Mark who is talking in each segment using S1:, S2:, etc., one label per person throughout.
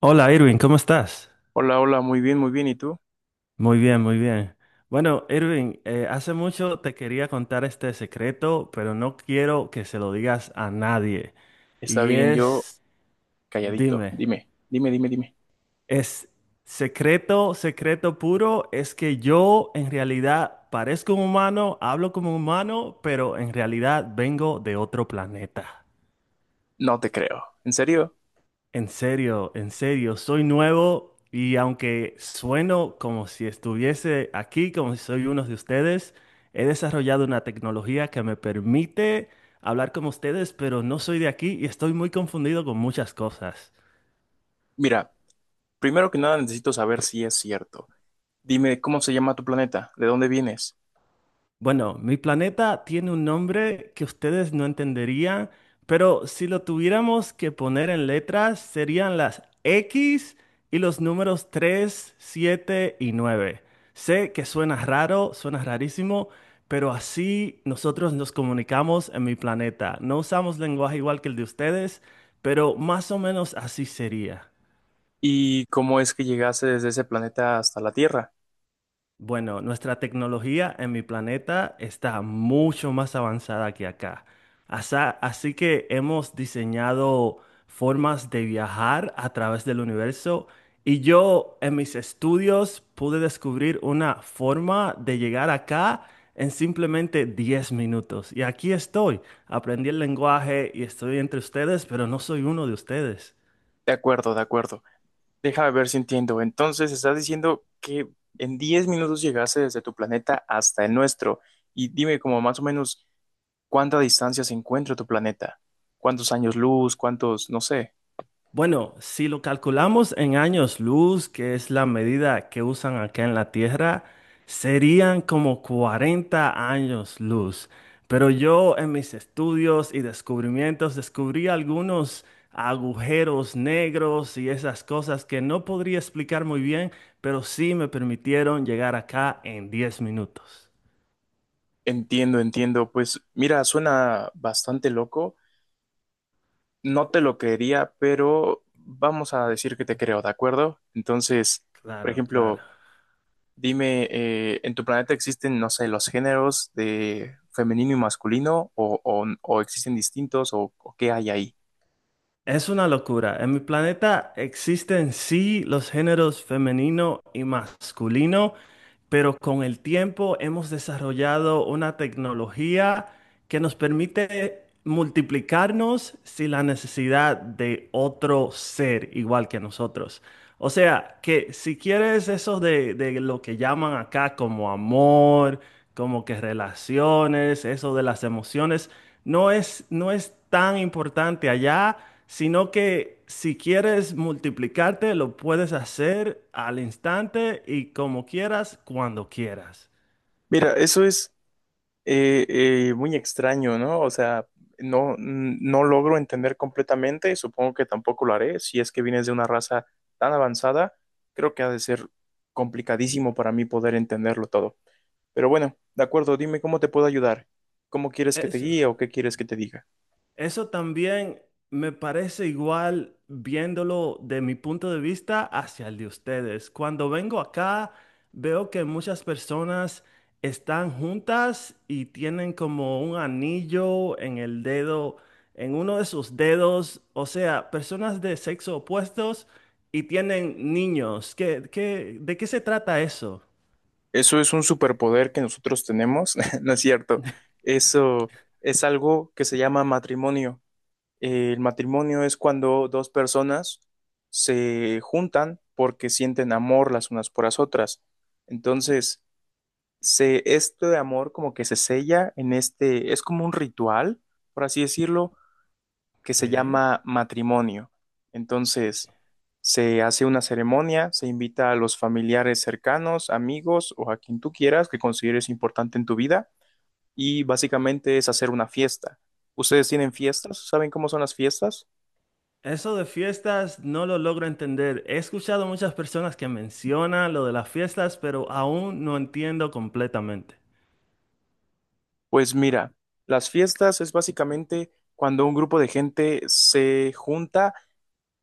S1: Hola Irving, ¿cómo estás?
S2: Hola, hola, muy bien, muy bien. ¿Y tú?
S1: Muy bien, muy bien. Bueno, Irving, hace mucho te quería contar este secreto, pero no quiero que se lo digas a nadie.
S2: Está
S1: Y
S2: bien, yo
S1: es,
S2: calladito.
S1: dime,
S2: Dime, dime, dime, dime.
S1: es secreto, secreto puro, es que yo en realidad parezco un humano, hablo como un humano, pero en realidad vengo de otro planeta.
S2: No te creo. ¿En serio?
S1: En serio, soy nuevo y aunque sueno como si estuviese aquí, como si soy uno de ustedes, he desarrollado una tecnología que me permite hablar como ustedes, pero no soy de aquí y estoy muy confundido con muchas cosas.
S2: Mira, primero que nada necesito saber si es cierto. Dime, ¿cómo se llama tu planeta? ¿De dónde vienes?
S1: Bueno, mi planeta tiene un nombre que ustedes no entenderían, pero si lo tuviéramos que poner en letras, serían las X y los números 3, 7 y 9. Sé que suena raro, suena rarísimo, pero así nosotros nos comunicamos en mi planeta. No usamos lenguaje igual que el de ustedes, pero más o menos así sería.
S2: ¿Y cómo es que llegaste desde ese planeta hasta la Tierra?
S1: Bueno, nuestra tecnología en mi planeta está mucho más avanzada que acá. Así que hemos diseñado formas de viajar a través del universo y yo en mis estudios pude descubrir una forma de llegar acá en simplemente 10 minutos. Y aquí estoy, aprendí el lenguaje y estoy entre ustedes, pero no soy uno de ustedes.
S2: De acuerdo, de acuerdo. Déjame ver si entiendo. Entonces, estás diciendo que en 10 minutos llegaste desde tu planeta hasta el nuestro. Y dime como más o menos cuánta distancia se encuentra tu planeta. ¿Cuántos años luz? ¿Cuántos? No sé.
S1: Bueno, si lo calculamos en años luz, que es la medida que usan acá en la Tierra, serían como 40 años luz. Pero yo en mis estudios y descubrimientos descubrí algunos agujeros negros y esas cosas que no podría explicar muy bien, pero sí me permitieron llegar acá en 10 minutos.
S2: Entiendo, entiendo. Pues mira, suena bastante loco. No te lo creería, pero vamos a decir que te creo, ¿de acuerdo? Entonces, por
S1: Claro, claro.
S2: ejemplo, dime, ¿en tu planeta existen, no sé, los géneros de femenino y masculino o, o existen distintos o qué hay ahí?
S1: Es una locura. En mi planeta existen sí los géneros femenino y masculino, pero con el tiempo hemos desarrollado una tecnología que nos permite multiplicarnos sin la necesidad de otro ser igual que nosotros. O sea, que si quieres eso de lo que llaman acá como amor, como que relaciones, eso de las emociones, no es tan importante allá, sino que si quieres multiplicarte, lo puedes hacer al instante y como quieras, cuando quieras.
S2: Mira, eso es eh, muy extraño, ¿no? O sea, no, no logro entender completamente, supongo que tampoco lo haré, si es que vienes de una raza tan avanzada, creo que ha de ser complicadísimo para mí poder entenderlo todo. Pero bueno, de acuerdo, dime cómo te puedo ayudar, cómo quieres que te
S1: Eso,
S2: guíe o qué quieres que te diga.
S1: eso también me parece igual viéndolo de mi punto de vista hacia el de ustedes. Cuando vengo acá, veo que muchas personas están juntas y tienen como un anillo en el dedo, en uno de sus dedos, o sea, personas de sexo opuestos y tienen niños. ¿ De qué se trata eso?
S2: Eso es un superpoder que nosotros tenemos, ¿no es cierto? Eso es algo que se llama matrimonio. El matrimonio es cuando dos personas se juntan porque sienten amor las unas por las otras. Entonces, este amor como que se sella en es como un ritual, por así decirlo, que
S1: Ok.
S2: se llama matrimonio. Entonces, se hace una ceremonia, se invita a los familiares cercanos, amigos o a quien tú quieras que consideres importante en tu vida y básicamente es hacer una fiesta. ¿Ustedes tienen fiestas? ¿Saben cómo son las fiestas?
S1: Eso de fiestas no lo logro entender. He escuchado muchas personas que mencionan lo de las fiestas, pero aún no entiendo completamente.
S2: Pues mira, las fiestas es básicamente cuando un grupo de gente se junta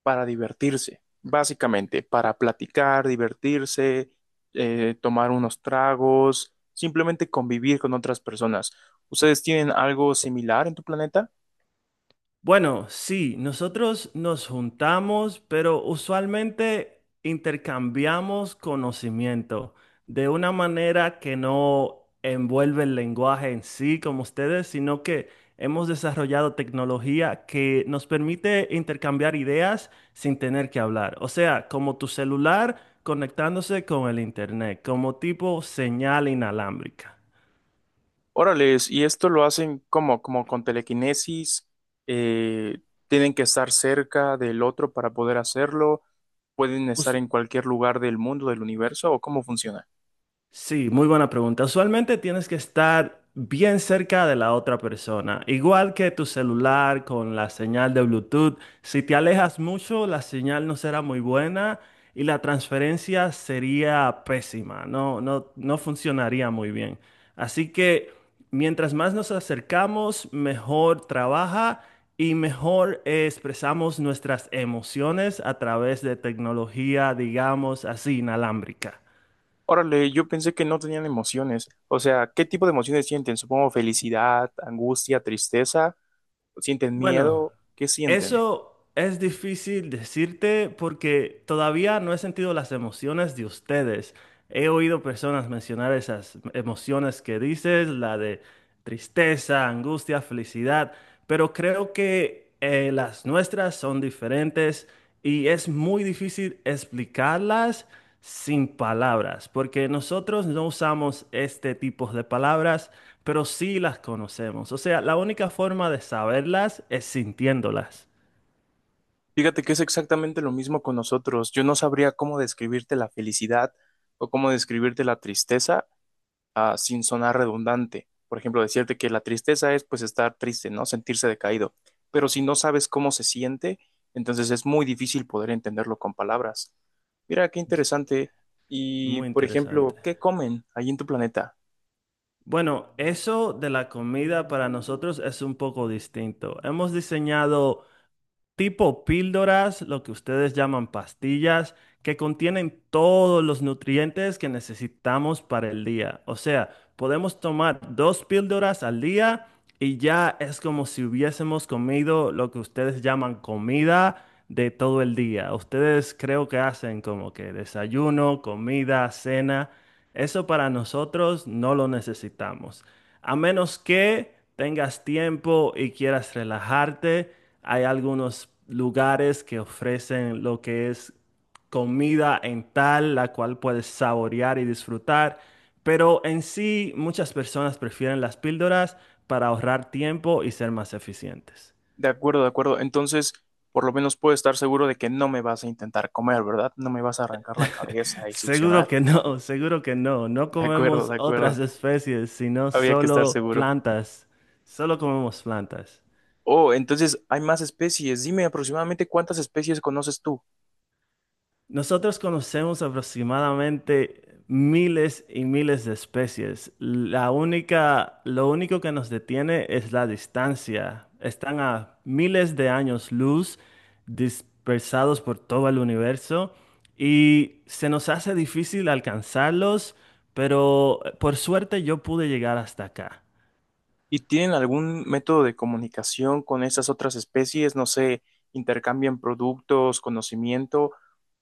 S2: para divertirse, básicamente, para platicar, divertirse, tomar unos tragos, simplemente convivir con otras personas. ¿Ustedes tienen algo similar en tu planeta?
S1: Bueno, sí, nosotros nos juntamos, pero usualmente intercambiamos conocimiento de una manera que no envuelve el lenguaje en sí como ustedes, sino que hemos desarrollado tecnología que nos permite intercambiar ideas sin tener que hablar. O sea, como tu celular conectándose con el internet, como tipo señal inalámbrica.
S2: Órales, y esto lo hacen como, como con telequinesis, eh, tienen que estar cerca del otro para poder hacerlo, pueden
S1: Us-
S2: estar en cualquier lugar del mundo, del universo, ¿o cómo funciona?
S1: Sí, muy buena pregunta. Usualmente tienes que estar bien cerca de la otra persona. Igual que tu celular con la señal de Bluetooth, si te alejas mucho, la señal no será muy buena y la transferencia sería pésima. No, no, no funcionaría muy bien. Así que mientras más nos acercamos, mejor trabaja y mejor expresamos nuestras emociones a través de tecnología, digamos así, inalámbrica.
S2: Órale, yo pensé que no tenían emociones. O sea, ¿qué tipo de emociones sienten? Supongo felicidad, angustia, tristeza, sienten
S1: Bueno,
S2: miedo, ¿qué sienten?
S1: eso es difícil decirte porque todavía no he sentido las emociones de ustedes. He oído personas mencionar esas emociones que dices, la de tristeza, angustia, felicidad, pero creo que las nuestras son diferentes y es muy difícil explicarlas sin palabras, porque nosotros no usamos este tipo de palabras, pero sí las conocemos. O sea, la única forma de saberlas es sintiéndolas.
S2: Fíjate que es exactamente lo mismo con nosotros. Yo no sabría cómo describirte la felicidad o cómo describirte la tristeza. Ah, sin sonar redundante. Por ejemplo, decirte que la tristeza es pues estar triste, ¿no? Sentirse decaído. Pero si no sabes cómo se siente, entonces es muy difícil poder entenderlo con palabras. Mira, qué interesante. Y,
S1: Muy
S2: por
S1: interesante.
S2: ejemplo, ¿qué comen ahí en tu planeta?
S1: Bueno, eso de la comida para nosotros es un poco distinto. Hemos diseñado tipo píldoras, lo que ustedes llaman pastillas, que contienen todos los nutrientes que necesitamos para el día. O sea, podemos tomar dos píldoras al día y ya es como si hubiésemos comido lo que ustedes llaman comida de todo el día. Ustedes creo que hacen como que desayuno, comida, cena. Eso para nosotros no lo necesitamos. A menos que tengas tiempo y quieras relajarte, hay algunos lugares que ofrecen lo que es comida en tal, la cual puedes saborear y disfrutar. Pero en sí, muchas personas prefieren las píldoras para ahorrar tiempo y ser más eficientes.
S2: De acuerdo, de acuerdo. Entonces, por lo menos puedo estar seguro de que no me vas a intentar comer, ¿verdad? No me vas a arrancar la cabeza y
S1: Seguro
S2: succionar.
S1: que no, seguro que no. No
S2: De acuerdo,
S1: comemos
S2: de
S1: otras
S2: acuerdo.
S1: especies, sino
S2: Había que estar
S1: solo
S2: seguro.
S1: plantas. Solo comemos plantas.
S2: Oh, entonces hay más especies. Dime aproximadamente cuántas especies conoces tú.
S1: Nosotros conocemos aproximadamente miles y miles de especies. La única, lo único que nos detiene es la distancia. Están a miles de años luz, dispersados por todo el universo, y se nos hace difícil alcanzarlos, pero por suerte yo pude llegar hasta acá.
S2: ¿Y tienen algún método de comunicación con esas otras especies? No sé, intercambian productos, conocimiento,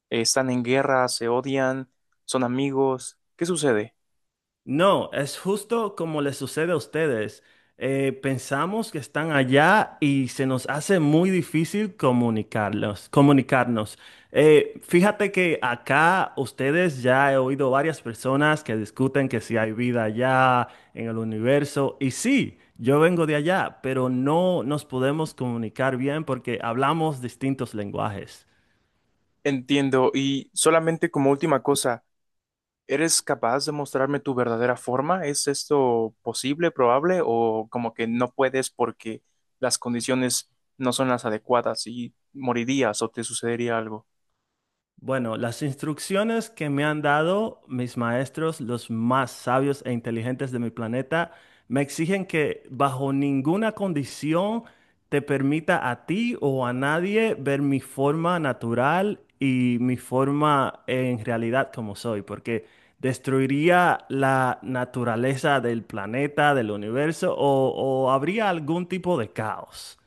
S2: están en guerra, se odian, son amigos. ¿Qué sucede?
S1: No, es justo como les sucede a ustedes. Pensamos que están allá y se nos hace muy difícil comunicarlos, comunicarnos. Fíjate que acá ustedes ya he oído varias personas que discuten que si hay vida allá en el universo. Y sí, yo vengo de allá, pero no nos podemos comunicar bien porque hablamos distintos lenguajes.
S2: Entiendo. Y solamente como última cosa, ¿eres capaz de mostrarme tu verdadera forma? ¿Es esto posible, probable o como que no puedes porque las condiciones no son las adecuadas y morirías o te sucedería algo?
S1: Bueno, las instrucciones que me han dado mis maestros, los más sabios e inteligentes de mi planeta, me exigen que bajo ninguna condición te permita a ti o a nadie ver mi forma natural y mi forma en realidad como soy, porque destruiría la naturaleza del planeta, del universo o habría algún tipo de caos.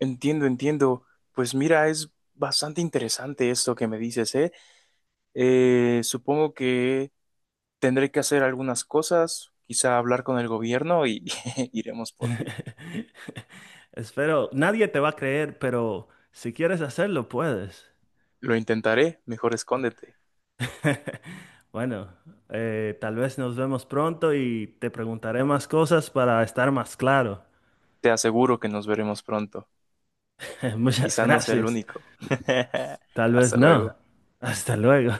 S2: Entiendo, entiendo. Pues mira, es bastante interesante esto que me dices, ¿eh? Supongo que tendré que hacer algunas cosas, quizá hablar con el gobierno y iremos por ti.
S1: Espero, nadie te va a creer, pero si quieres hacerlo, puedes.
S2: Lo intentaré, mejor escóndete.
S1: Bueno, tal vez nos vemos pronto y te preguntaré más cosas para estar más claro.
S2: Te aseguro que nos veremos pronto.
S1: Muchas
S2: Quizá no sea el
S1: gracias.
S2: único.
S1: Tal vez
S2: Hasta luego.
S1: no. Hasta luego.